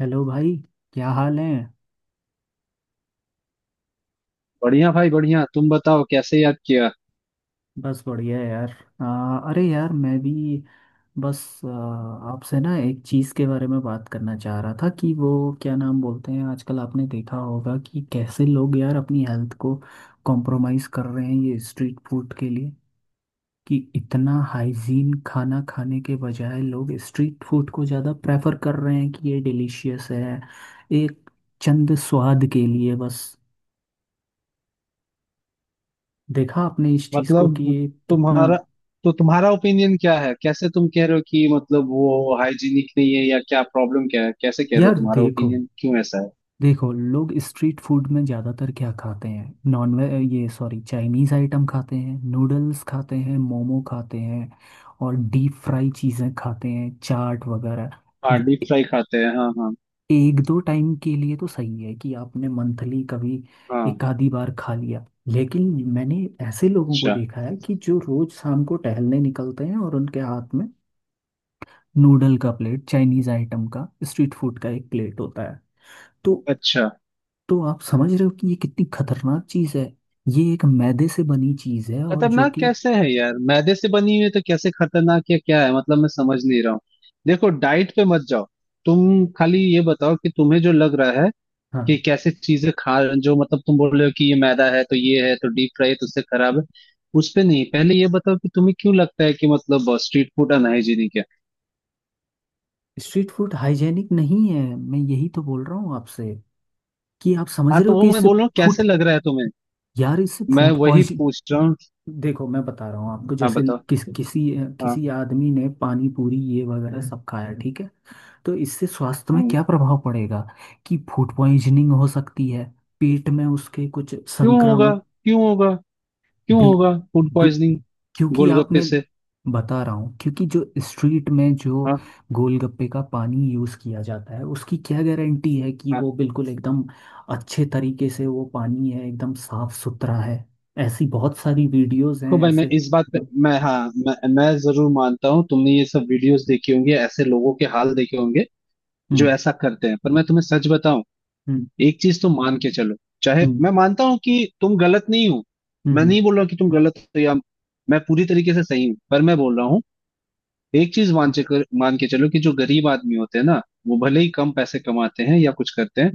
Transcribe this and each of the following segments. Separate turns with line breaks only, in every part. Hello भाई। क्या हाल है।
बढ़िया भाई बढ़िया। तुम बताओ कैसे याद किया?
बस बढ़िया है यार। अरे यार मैं भी बस। आ, आपसे ना एक चीज़ के बारे में बात करना चाह रहा था कि वो क्या नाम बोलते हैं, आजकल आपने देखा होगा कि कैसे लोग यार अपनी हेल्थ को कॉम्प्रोमाइज़ कर रहे हैं ये स्ट्रीट फूड के लिए। कि इतना हाइजीन खाना खाने के बजाय लोग स्ट्रीट फूड को ज़्यादा प्रेफर कर रहे हैं कि ये डिलीशियस है, एक चंद स्वाद के लिए बस। देखा आपने इस चीज़ को कि
मतलब,
ये कितना।
तुम्हारा तो तुम्हारा ओपिनियन क्या है? कैसे तुम कह रहे हो कि मतलब वो हाइजीनिक नहीं है या क्या? प्रॉब्लम क्या है? कैसे कह रहे हो?
यार
तुम्हारा
देखो,
ओपिनियन क्यों ऐसा है?
देखो लोग स्ट्रीट फूड में ज़्यादातर क्या खाते हैं। नॉनवेज, ये सॉरी, चाइनीज़ आइटम खाते हैं, नूडल्स खाते हैं, मोमो खाते हैं और डीप फ्राई चीज़ें खाते हैं, चाट वगैरह।
हाँ, डीप
ए-
फ्राई खाते हैं। हाँ, हाँ,
एक दो टाइम के लिए तो सही है कि आपने मंथली कभी
हाँ।
एक आधी बार खा लिया। लेकिन मैंने ऐसे लोगों को
अच्छा।
देखा है कि जो रोज शाम को टहलने निकलते हैं और उनके हाथ में नूडल का प्लेट, चाइनीज़ आइटम का, स्ट्रीट फूड का एक प्लेट होता है। तो
अच्छा।
तो आप समझ रहे हो कि ये कितनी खतरनाक चीज है। ये एक मैदे से बनी चीज है और जो
खतरनाक
कि,
कैसे है यार? मैदे से बनी हुई है तो कैसे खतरनाक या क्या है? मतलब, मैं समझ नहीं रहा हूँ। देखो, डाइट पे मत जाओ। तुम खाली ये बताओ कि तुम्हें जो लग रहा है
हाँ,
कि कैसे चीजें खा। जो मतलब तुम बोल रहे हो कि ये मैदा है तो ये है, तो डीप फ्राई है तो उससे खराब है, उस पे नहीं। पहले ये बताओ कि तुम्हें क्यों लगता है कि मतलब स्ट्रीट फूड अनहाइजीनिक है।
स्ट्रीट फूड हाइजेनिक नहीं है, मैं यही तो बोल रहा हूँ आपसे कि आप समझ
हाँ,
रहे
तो
हो
वो
कि
मैं
इससे
बोल रहा हूँ,
फूड,
कैसे लग रहा है तुम्हें?
यार इससे
मैं
फूड
वही
पॉइजन।
पूछ रहा हूँ।
देखो मैं बता रहा हूँ आपको,
हाँ,
जैसे
बताओ।
किस किसी
हाँ।
किसी आदमी ने पानी पूरी ये वगैरह सब खाया, ठीक है। तो इससे स्वास्थ्य में
हम्म।
क्या प्रभाव पड़ेगा, कि फूड पॉइजनिंग हो सकती है, पेट में उसके कुछ
क्यों होगा?
संक्रामक।
क्यों होगा? क्यों
बिल
होगा फूड
दु-
पॉइजनिंग?
क्योंकि
गोलगप्पे
आपने,
से?
बता रहा हूँ क्योंकि जो स्ट्रीट में जो
हाँ,
गोलगप्पे का पानी यूज़ किया जाता है उसकी क्या गारंटी है कि
हाँ।
वो बिल्कुल एकदम अच्छे तरीके से, वो पानी है एकदम साफ सुथरा है। ऐसी बहुत सारी वीडियोस
तो
हैं
भाई, मैं
ऐसे।
इस बात पे मैं हाँ मैं जरूर मानता हूँ, तुमने ये सब वीडियोस देखी होंगी, ऐसे लोगों के हाल देखे होंगे जो
हम्म,
ऐसा करते हैं, पर मैं तुम्हें सच बताऊं।
हम्म,
एक चीज तो मान के चलो। चाहे
हम्म,
मैं मानता हूं कि तुम गलत नहीं हो, मैं
हम्म,
नहीं बोल रहा हूं कि तुम गलत हो या मैं पूरी तरीके से सही हूँ। पर मैं बोल रहा हूँ, एक चीज मान के चलो कि जो गरीब आदमी होते हैं ना, वो भले ही कम पैसे कमाते हैं या कुछ करते हैं,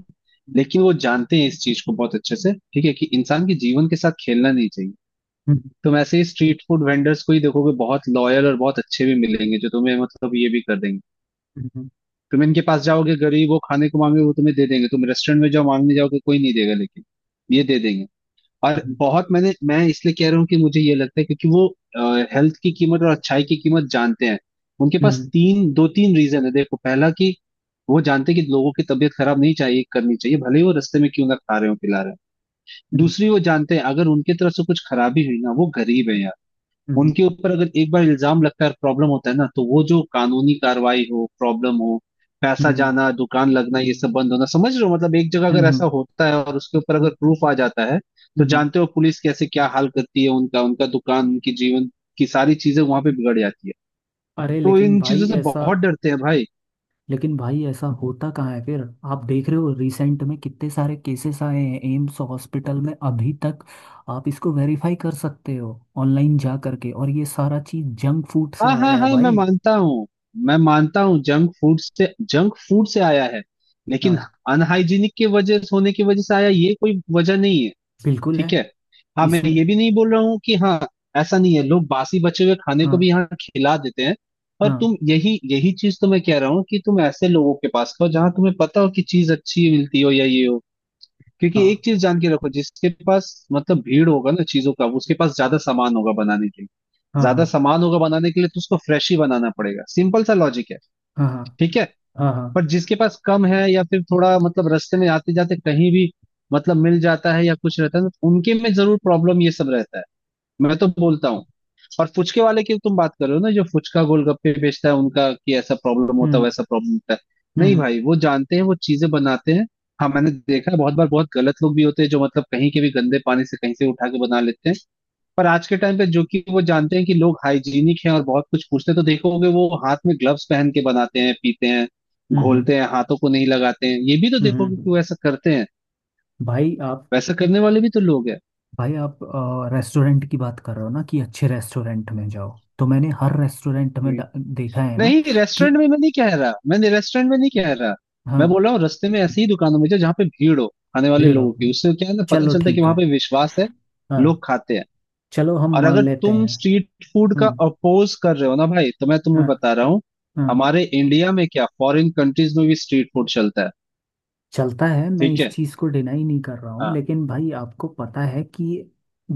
लेकिन वो जानते हैं इस चीज को बहुत अच्छे से। ठीक है कि इंसान के जीवन के साथ खेलना नहीं चाहिए।
हम्म,
तुम ऐसे ही स्ट्रीट फूड वेंडर्स को ही देखोगे, बहुत लॉयल और बहुत अच्छे भी मिलेंगे जो तुम्हें मतलब ये भी कर देंगे।
हम्म,
तुम इनके पास जाओगे, गरीब हो खाने को मांगे, वो तुम्हें दे देंगे। तुम रेस्टोरेंट में जाओ मांगने जाओगे कोई नहीं देगा, लेकिन ये दे देंगे। और
हम्म,
बहुत मैंने मैं इसलिए कह रहा हूँ कि मुझे ये लगता है, क्योंकि वो हेल्थ की कीमत और अच्छाई की कीमत जानते हैं। उनके पास
हम्म,
तीन, दो तीन रीजन है। देखो, पहला कि वो जानते हैं कि लोगों की तबीयत खराब नहीं चाहिए करनी चाहिए, भले ही वो रास्ते में क्यों ना खा रहे हो पिला रहे हो।
हम्म,
दूसरी, वो जानते हैं अगर उनकी तरफ से कुछ खराबी हुई ना, वो गरीब है यार।
हम्म,
उनके ऊपर अगर एक बार इल्जाम लगता है, प्रॉब्लम होता है ना, तो वो जो कानूनी कार्रवाई हो, प्रॉब्लम हो, पैसा जाना, दुकान लगना, ये सब बंद होना, समझ रहे हो? मतलब एक जगह अगर
हम्म,
ऐसा होता है और उसके ऊपर अगर प्रूफ आ जाता है, तो
हम्म, हम्म।
जानते हो पुलिस कैसे क्या हाल करती है उनका उनका दुकान, उनकी जीवन की सारी चीजें वहां पे बिगड़ जाती है।
अरे
तो
लेकिन
इन चीजों
भाई
से
ऐसा,
बहुत डरते हैं भाई।
लेकिन भाई ऐसा होता कहाँ है फिर। आप देख रहे हो रिसेंट में कितने सारे केसेस आए हैं एम्स हॉस्पिटल में अभी तक। आप इसको वेरीफाई कर सकते हो ऑनलाइन जा करके, और ये सारा चीज जंक फूड से
हाँ, हाँ,
आया है
हाँ, मैं
भाई।
मानता हूँ। मैं मानता हूँ, जंक फूड से आया है, लेकिन
हाँ,
अनहाइजीनिक के वजह होने की वजह से आया, ये कोई वजह नहीं है।
बिल्कुल
ठीक
है,
है। हाँ, मैं
इसमें।
ये भी नहीं बोल रहा हूँ कि हाँ, ऐसा नहीं है, लोग बासी बचे हुए खाने को
हाँ,
भी यहाँ खिला देते हैं। पर
हाँ,
तुम, यही यही चीज तो मैं कह रहा हूँ कि तुम ऐसे लोगों के पास खाओ जहाँ तुम्हें पता हो कि चीज अच्छी मिलती हो या ये हो। क्योंकि एक
हाँ,
चीज जान के रखो, जिसके पास मतलब भीड़ होगा ना चीजों का, उसके पास ज्यादा सामान होगा बनाने के लिए।
हाँ, हाँ,
ज्यादा सामान होगा बनाने के लिए तो उसको फ्रेश ही बनाना पड़ेगा, सिंपल सा लॉजिक है।
हाँ, हाँ,
ठीक है।
हाँ, हाँ,
पर जिसके पास कम है या फिर थोड़ा मतलब रास्ते में आते जाते कहीं भी मतलब मिल जाता है या कुछ रहता है, तो उनके में जरूर प्रॉब्लम ये सब रहता है, मैं तो बोलता हूँ। और फुचके वाले की तुम बात कर रहे हो ना, जो फुचका गोलगप्पे बेचता है उनका, कि ऐसा प्रॉब्लम होता है
हम्म,
वैसा प्रॉब्लम होता है?
हम्म,
नहीं
हम्म,
भाई, वो जानते हैं, वो चीजें बनाते हैं। हाँ, मैंने देखा है बहुत बार, बहुत गलत लोग भी होते हैं जो मतलब कहीं के भी गंदे पानी से कहीं से उठा के बना लेते हैं। पर आज के टाइम पे जो कि वो जानते हैं कि लोग हाइजीनिक हैं और बहुत कुछ पूछते हैं, तो देखोगे वो हाथ में ग्लव्स पहन के बनाते हैं, पीते हैं,
हम्म,
घोलते हैं, हाथों को नहीं लगाते हैं। ये भी तो
हम्म,
देखोगे कि
हम्म।
वो ऐसा करते हैं।
भाई आप
वैसा करने वाले भी तो लोग हैं।
भाई आप रेस्टोरेंट की बात कर रहे हो ना कि अच्छे रेस्टोरेंट में जाओ, तो मैंने हर रेस्टोरेंट में
हम्म।
देखा है ना।
नहीं,
कि
रेस्टोरेंट में मैं नहीं कह रहा, मैंने रेस्टोरेंट में नहीं कह रहा।
हाँ,
मैं बोल रहा हूँ रास्ते में ऐसी ही दुकानों में जाओ जहाँ पे भीड़ हो खाने वाले
भीड़
लोगों
हो,
की, उससे क्या है ना, पता
चलो
चलता है कि
ठीक
वहां
है।
पे विश्वास है,
हाँ,
लोग खाते हैं।
चलो हम
और
मान
अगर
लेते
तुम
हैं।
स्ट्रीट फूड का
हम्म।
अपोज कर रहे हो ना भाई, तो मैं तुम्हें
हाँ,
बता रहा हूँ,
हाँ।
हमारे इंडिया में क्या, फॉरेन कंट्रीज में भी स्ट्रीट फूड चलता है।
चलता है, मैं
ठीक
इस
है।
चीज़ को डिनाई नहीं कर रहा हूँ,
हाँ।
लेकिन भाई आपको पता है कि,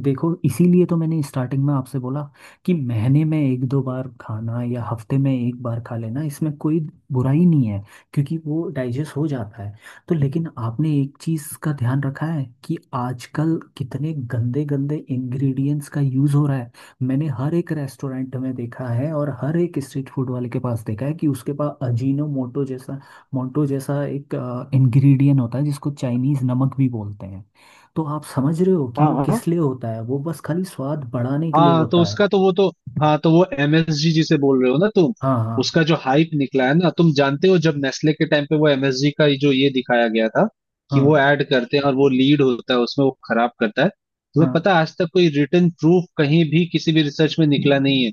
देखो इसीलिए तो मैंने स्टार्टिंग में आपसे बोला कि महीने में एक दो बार खाना या हफ्ते में एक बार खा लेना, इसमें कोई बुराई नहीं है, क्योंकि वो डाइजेस्ट हो जाता है। तो लेकिन आपने एक चीज़ का ध्यान रखा है कि आजकल कितने गंदे गंदे इंग्रेडिएंट्स का यूज़ हो रहा है। मैंने हर एक रेस्टोरेंट में देखा है और हर एक स्ट्रीट फूड वाले के पास देखा है कि उसके पास अजीनो मोटो जैसा, मोंटो जैसा एक इंग्रेडिएंट होता है जिसको चाइनीज नमक भी बोलते हैं। तो आप समझ रहे हो कि
हाँ,
वो
हाँ,
किस लिए होता है, वो बस खाली स्वाद बढ़ाने के लिए
हाँ। तो
होता है।
उसका तो वो तो हाँ, तो वो एमएसजी जिसे बोल रहे हो ना तुम,
हाँ, हाँ,
उसका जो हाइप निकला है ना, तुम जानते हो जब नेस्ले के टाइम पे वो एमएसजी का ये जो ये दिखाया गया था कि वो
हाँ,
ऐड करते हैं और वो लीड होता है उसमें, वो खराब करता है, तुम्हें
हाँ,
पता है आज तक कोई रिटन प्रूफ कहीं भी किसी भी रिसर्च में निकला नहीं है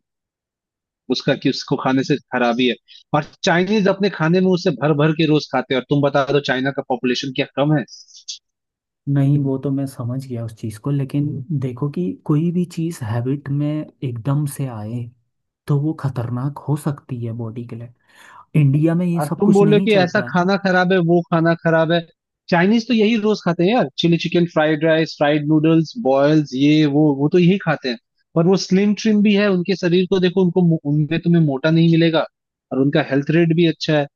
उसका, कि उसको खाने से खराबी है? और चाइनीज अपने खाने में उसे भर भर के रोज खाते हैं, और तुम बता दो चाइना का पॉपुलेशन क्या कम है?
नहीं, वो तो मैं समझ गया उस चीज़ को, लेकिन देखो कि कोई भी चीज़ हैबिट में एकदम से आए तो वो खतरनाक हो सकती है बॉडी के लिए। इंडिया में ये
और
सब
तुम
कुछ
बोल रहे हो
नहीं
कि ऐसा
चलता।
खाना खराब है, वो खाना खराब है। चाइनीज तो यही रोज खाते हैं यार, chilli chicken, fried rice, fried noodles, boils, ये वो तो यही खाते हैं। पर वो स्लिम ट्रिम भी है, उनके शरीर को देखो, उनको उनमें तुम्हें मोटा नहीं मिलेगा। और उनका हेल्थ रेट भी अच्छा है।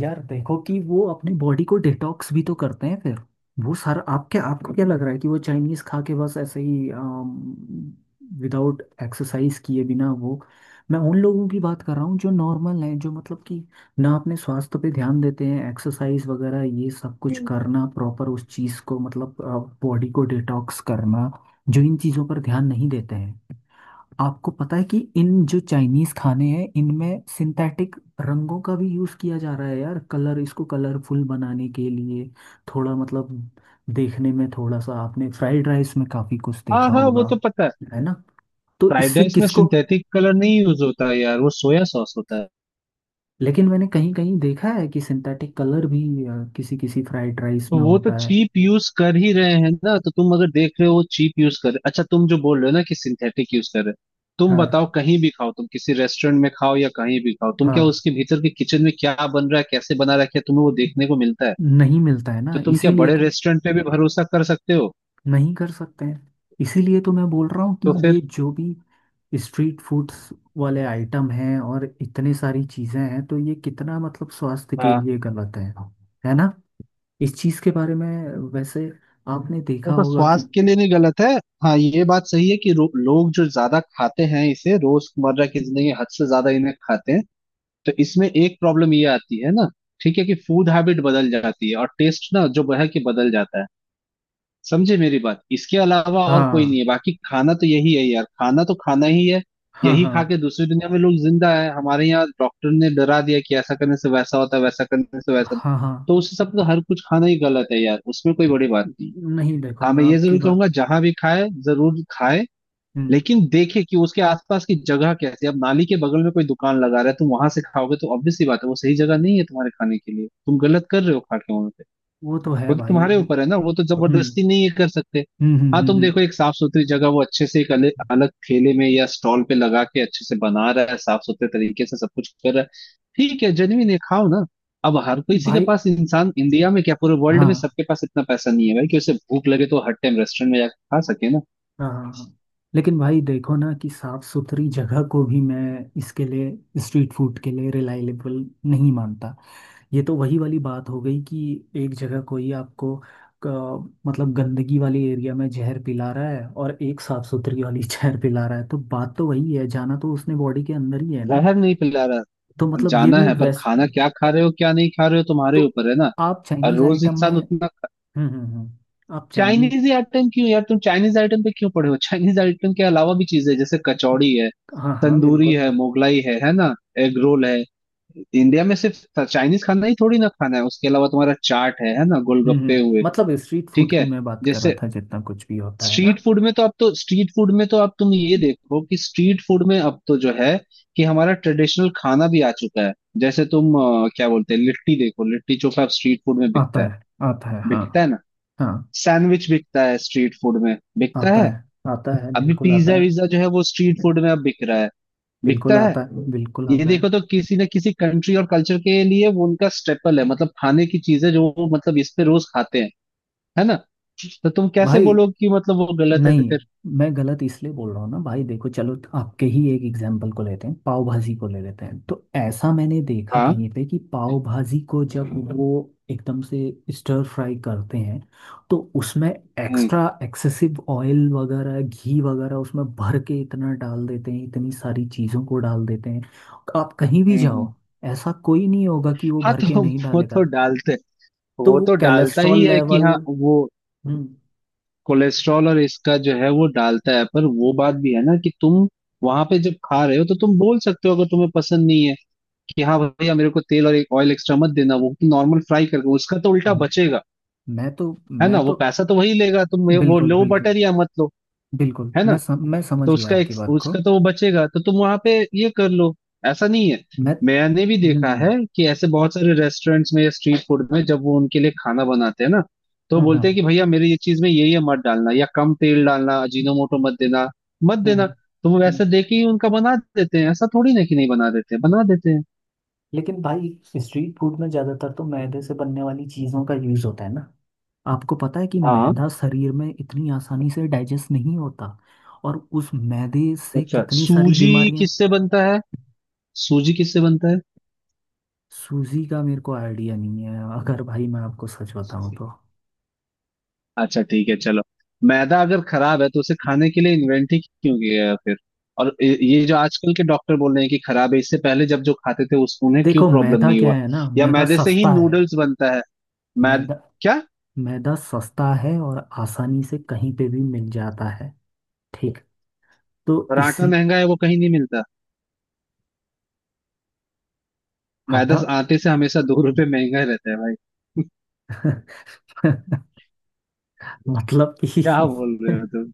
यार देखो कि वो अपने बॉडी को डिटॉक्स भी तो करते हैं फिर, वो सारा। आप क्या, आपको क्या लग रहा है कि वो चाइनीज खा के बस ऐसे ही विदाउट एक्सरसाइज किए बिना वो। मैं उन लोगों की बात कर रहा हूँ जो नॉर्मल हैं, जो मतलब कि ना अपने स्वास्थ्य पे ध्यान देते हैं, एक्सरसाइज वगैरह ये सब कुछ करना, प्रॉपर उस चीज़ को मतलब बॉडी को डिटॉक्स करना, जो इन चीज़ों पर ध्यान नहीं देते हैं। आपको पता है कि इन जो चाइनीज खाने हैं इनमें सिंथेटिक रंगों का भी यूज किया जा रहा है यार, कलर, इसको कलरफुल बनाने के लिए, थोड़ा मतलब देखने में थोड़ा सा, आपने फ्राइड राइस में काफी कुछ
हाँ,
देखा
हाँ, वो
होगा,
तो पता है।
है ना। तो
फ्राइड
इससे
राइस में
किसको।
सिंथेटिक कलर नहीं यूज होता है यार, वो सोया सॉस होता है।
लेकिन मैंने कहीं कहीं देखा है कि सिंथेटिक कलर भी किसी किसी फ्राइड राइस
तो
में
वो तो
होता है।
चीप यूज कर ही रहे हैं ना, तो तुम अगर देख रहे हो वो चीप यूज कर रहे। अच्छा, तुम जो बोल रहे हो ना कि सिंथेटिक यूज कर रहे हो, तुम बताओ,
हाँ,
कहीं भी खाओ तुम, किसी रेस्टोरेंट में खाओ या कहीं भी खाओ, तुम क्या
हाँ।
उसके भीतर के किचन में क्या बन रहा है कैसे बना रहा है, क्या तुम्हें वो देखने को मिलता है?
नहीं मिलता है ना,
तो तुम क्या
इसीलिए
बड़े
तो।
रेस्टोरेंट पे भी भरोसा कर सकते हो?
नहीं कर सकते हैं। इसीलिए तो मैं बोल रहा हूँ कि
तो
ये
फिर?
जो भी स्ट्रीट फूड्स वाले आइटम हैं और इतने सारी चीज़ें हैं, तो ये कितना मतलब स्वास्थ्य के
हाँ,
लिए गलत है ना, इस चीज़ के बारे में। वैसे आपने देखा
देखो,
होगा कि,
स्वास्थ्य के लिए नहीं गलत है। हाँ, ये बात सही है कि लोग जो ज्यादा खाते हैं इसे, रोजमर्रा की जिंदगी में हद से ज्यादा इन्हें खाते हैं, तो इसमें एक प्रॉब्लम ये आती है ना। ठीक है, कि फूड हैबिट बदल जाती है और टेस्ट ना जो है कि बदल जाता है। समझे मेरी बात? इसके अलावा और कोई
हाँ,
नहीं है, बाकी खाना तो यही है यार, खाना तो खाना ही है।
हाँ,
यही
हाँ,
खा के दूसरी दुनिया में लोग जिंदा है, हमारे यहाँ डॉक्टर ने डरा दिया कि ऐसा करने से वैसा होता है, वैसा करने से वैसा।
हाँ, हाँ,
तो उस हिसाब से तो हर कुछ खाना ही गलत है यार, उसमें कोई बड़ी बात नहीं।
नहीं देखो
हाँ,
मैं
मैं ये
आपकी
जरूर
बात।
कहूंगा, जहां भी खाए जरूर खाए,
हम्म।
लेकिन देखे कि उसके आसपास की जगह कैसी है। अब नाली के बगल में कोई दुकान लगा रहा है, तुम वहां से खाओगे तो ऑब्वियस सी बात है वो सही जगह नहीं है तुम्हारे खाने के लिए, तुम गलत कर रहे हो खा के वहां पे।
वो तो है
वो तो
भाई
तुम्हारे
वो।
ऊपर है ना, वो तो
हम्म,
जबरदस्ती नहीं ये कर सकते।
हम्म, हम्म,
हाँ, तुम देखो एक साफ सुथरी जगह, वो अच्छे से एक अलग अलग ठेले में या स्टॉल पे लगा के अच्छे से बना रहा है, साफ सुथरे तरीके से सब कुछ कर रहा है, ठीक है, जेन्युइन है, खाओ ना। अब हर किसी के
भाई,
पास, इंसान इंडिया में क्या पूरे वर्ल्ड में,
हाँ,
सबके पास इतना पैसा नहीं है भाई कि उसे भूख लगे तो हर टाइम रेस्टोरेंट में जाकर खा सके ना।
हाँ, हाँ, हाँ। लेकिन भाई देखो ना कि साफ सुथरी जगह को भी मैं इसके लिए स्ट्रीट फूड के लिए रिलायबल नहीं मानता। ये तो वही वाली बात हो गई कि एक जगह कोई आपको, मतलब गंदगी वाली एरिया में जहर पिला रहा है और एक साफ सुथरी वाली जहर पिला रहा है, तो बात तो वही है, जाना तो उसने बॉडी के अंदर ही है ना।
जहर नहीं पिला रहा,
तो मतलब ये
जाना
भी
है पर
वैस
खाना क्या खा रहे हो क्या नहीं खा रहे हो,
तो
तुम्हारे ऊपर है ना।
आप
और
चाइनीज
रोज
आइटम में।
इंसान
हम्म,
उतना
हम्म, हम्म। आप
चाइनीज
चाइनीज।
ही आइटम क्यों यार, तुम चाइनीज आइटम पे क्यों पड़े हो? चाइनीज आइटम के अलावा भी चीजें हैं, जैसे कचौड़ी है,
हाँ, हाँ,
तंदूरी
बिल्कुल।
है, मोगलाई है ना, एग रोल है। इंडिया में सिर्फ चाइनीज खाना ही थोड़ी ना खाना है, उसके अलावा तुम्हारा चाट है ना,
हम्म, हम्म।
गोलगप्पे हुए।
मतलब स्ट्रीट फूड
ठीक
की
है।
मैं बात कर रहा
जैसे,
था, जितना कुछ भी होता है ना।
स्ट्रीट फूड में तो अब तुम ये देखो कि स्ट्रीट फूड में अब तो जो है कि हमारा ट्रेडिशनल खाना भी आ चुका है। जैसे तुम, क्या बोलते हैं, लिट्टी, देखो, लिट्टी चोखा अब स्ट्रीट फूड में
आता
बिकता है।
है। आता है, हाँ,
बिकता है ना?
हाँ।
सैंडविच बिकता है, स्ट्रीट फूड में बिकता
आता है।
है।
आता है,
अभी
बिल्कुल
पिज्जा
आता है।
विज्जा जो है वो स्ट्रीट फूड में अब बिक रहा है।
बिल्कुल
बिकता है।
आता है। बिल्कुल
ये
आता है।
देखो तो किसी न किसी कंट्री और कल्चर के लिए वो उनका स्टेपल है, मतलब खाने की चीजें जो वो मतलब इस पे रोज खाते हैं। है ना? तो तुम कैसे
भाई
बोलो कि मतलब वो गलत है
नहीं,
फिर।
मैं गलत इसलिए बोल रहा हूँ ना भाई, देखो चलो आपके ही एक एग्जाम्पल को लेते हैं, पाव भाजी को ले लेते हैं, तो ऐसा मैंने देखा
हाँ।
कहीं पे कि पाव भाजी को जब वो एकदम से स्टर फ्राई करते हैं, तो उसमें
हम्म
एक्स्ट्रा एक्सेसिव ऑयल वगैरह घी वगैरह उसमें भर के इतना डाल देते हैं, इतनी सारी चीज़ों को डाल देते हैं। आप कहीं भी
हम्म हम्म।
जाओ, ऐसा कोई नहीं होगा कि वो
हाँ
भर
तो
के नहीं
वो तो
डालेगा।
डालते
तो
वो
वो
तो डालता ही
कैलेस्ट्रॉल
है कि
लेवल।
हाँ वो
हम्म।
कोलेस्ट्रॉल और इसका जो है वो डालता है, पर वो बात भी है ना कि तुम वहां पे जब खा रहे हो तो तुम बोल सकते हो अगर तुम्हें पसंद नहीं है कि हाँ भैया मेरे को तेल और एक ऑयल एक्स्ट्रा मत देना, वो नॉर्मल फ्राई करके उसका तो उल्टा
म-
बचेगा।
मैं तो
है
मैं
ना? वो
तो
पैसा तो वही लेगा। तुम वो
बिल्कुल,
लो
बिल्कुल,
बटर या मत लो।
बिल्कुल,
है ना?
मैं
तो
समझ गया आपकी बात को।
उसका तो वो बचेगा, तो तुम वहां पे ये कर लो। ऐसा नहीं है।
मैं।
मैंने भी देखा
हम्म,
है कि ऐसे बहुत सारे रेस्टोरेंट्स में या स्ट्रीट फूड में जब वो उनके लिए खाना बनाते हैं ना तो
हम्म, हम्म,
बोलते हैं कि भैया मेरे ये चीज में ये मत डालना या कम तेल डालना, अजीनोमोटो मत देना मत देना।
हम्म।
तो वो
हम्म।
वैसे दे के ही उनका बना देते हैं, ऐसा थोड़ी ना कि नहीं बना देते हैं, बना देते हैं।
लेकिन भाई स्ट्रीट फूड में ज़्यादातर तो मैदे से बनने वाली चीज़ों का यूज़ होता है ना। आपको पता है कि
हाँ।
मैदा शरीर में इतनी आसानी से डाइजेस्ट नहीं होता। और उस मैदे से
अच्छा,
कितनी सारी
सूजी
बीमारियां।
किससे बनता है? सूजी किससे बनता
सूजी का मेरे को आइडिया नहीं है, अगर भाई मैं आपको सच बताऊं
है?
तो।
अच्छा ठीक है चलो। मैदा अगर खराब है तो उसे खाने के लिए इन्वेंट ही क्यों किया गया फिर? और ये जो आजकल के डॉक्टर बोल रहे हैं कि खराब है, इससे पहले जब जो खाते थे उस उन्हें क्यों
देखो
प्रॉब्लम
मैदा
नहीं
क्या
हुआ?
है ना,
या
मैदा
मैदे से ही
सस्ता है।
नूडल्स बनता है। मैद
मैदा
क्या?
मैदा सस्ता है और आसानी से कहीं पे भी मिल जाता है, ठीक। तो
और आटा
इसी,
महंगा है वो कहीं नहीं मिलता। मैदा
आटा।
आटे से हमेशा 2 रुपए महंगा ही रहता है भाई।
मतलब कि,
क्या बोल रहे हो तुम?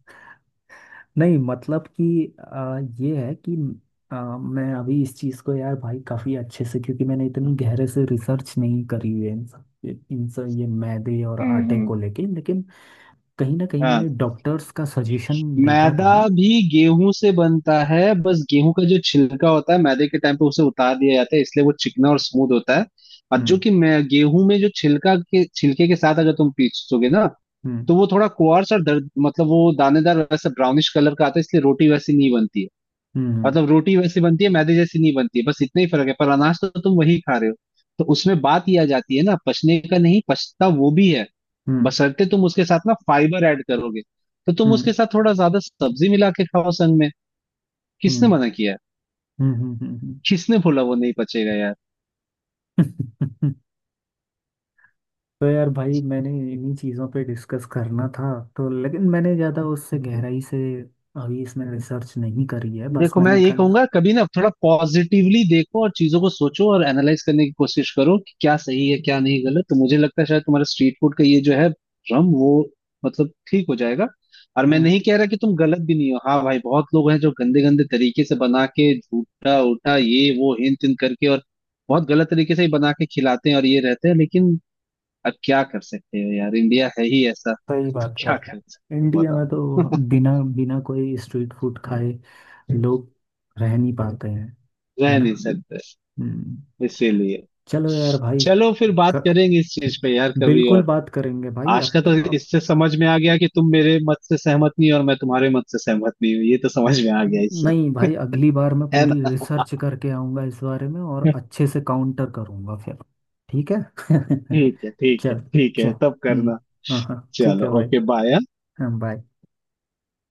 नहीं मतलब कि, ये है कि, मैं अभी इस चीज़ को यार भाई काफ़ी अच्छे से, क्योंकि मैंने इतनी गहरे से रिसर्च नहीं करी हुई है इन सब ये मैदे और
हम्म
आटे
हम्म।
को लेके, लेकिन कहीं ना कहीं
हाँ।
मैंने डॉक्टर्स का सजेशन देखा था
मैदा
ना।
भी गेहूं से बनता है, बस गेहूं का जो छिलका होता है मैदे के टाइम पे उसे उतार दिया जाता है, इसलिए वो चिकना और स्मूथ होता है। और जो
हम्म,
कि मैं गेहूं में जो छिलका के छिलके के साथ अगर तुम पीसोगे ना,
हम्म,
तो वो थोड़ा कुआर्स और दर्द मतलब वो दानेदार वैसा ब्राउनिश कलर का आता है, इसलिए रोटी वैसी नहीं बनती है।
हम्म,
मतलब रोटी वैसी बनती है, मैदे जैसी नहीं बनती है, बस इतना ही फर्क है, पर अनाज तो तुम वही खा रहे हो। तो उसमें बात यह आ जाती है ना पचने का, नहीं पचता वो भी है,
हम्म,
बशर्ते तुम उसके साथ ना फाइबर ऐड करोगे। तो तुम
हम्म,
उसके साथ थोड़ा ज्यादा सब्जी मिला के खाओ संग में। किसने
हम्म,
मना किया है?
हम्म, हम्म,
किसने बोला वो नहीं पचेगा यार?
हम्म, तो यार भाई मैंने इन्हीं चीज़ों पे डिस्कस करना था। तो लेकिन मैंने ज़्यादा उससे गहराई से अभी इसमें रिसर्च नहीं करी है, बस
देखो मैं
मैंने
ये
खाली।
कहूंगा कभी ना, थोड़ा पॉजिटिवली देखो और चीजों को सोचो और एनालाइज करने की कोशिश करो कि क्या सही है क्या नहीं गलत, तो मुझे लगता है शायद तुम्हारा स्ट्रीट फूड का ये जो है भ्रम वो मतलब ठीक हो जाएगा। और मैं
हम्म।
नहीं कह रहा कि तुम गलत भी नहीं हो। हाँ भाई बहुत लोग हैं जो गंदे गंदे तरीके से बना के झूठा उठा ये वो हिन तिन करके और बहुत गलत तरीके से ही बना के खिलाते हैं और ये रहते हैं, लेकिन अब क्या कर सकते हो यार, इंडिया है ही ऐसा।
सही
तो
बात है
क्या
यार।
कर सकते हो
इंडिया में
बताओ?
तो बिना बिना कोई स्ट्रीट फूड खाए लोग रह नहीं पाते हैं। है
रह
ना।
नहीं सकते।
हम्म।
इसीलिए
चलो यार भाई।
चलो फिर बात
क,
करेंगे इस चीज पे यार कभी
बिल्कुल
और।
बात करेंगे भाई,
आज
अब
का
तो,
तो
अब।
इससे समझ में आ गया कि तुम मेरे मत से सहमत नहीं हो और मैं तुम्हारे मत से सहमत नहीं हूँ, ये तो समझ में आ गया इससे।
नहीं भाई, अगली बार मैं
है
पूरी
ना?
रिसर्च करके आऊँगा इस बारे में और अच्छे से काउंटर करूँगा फिर। ठीक है।
ठीक है ठीक है
चल,
ठीक
चल।
है तब
हम्म।
करना।
हाँ, हाँ, ठीक
चलो
है भाई।
Okay bye.
हाँ, बाय।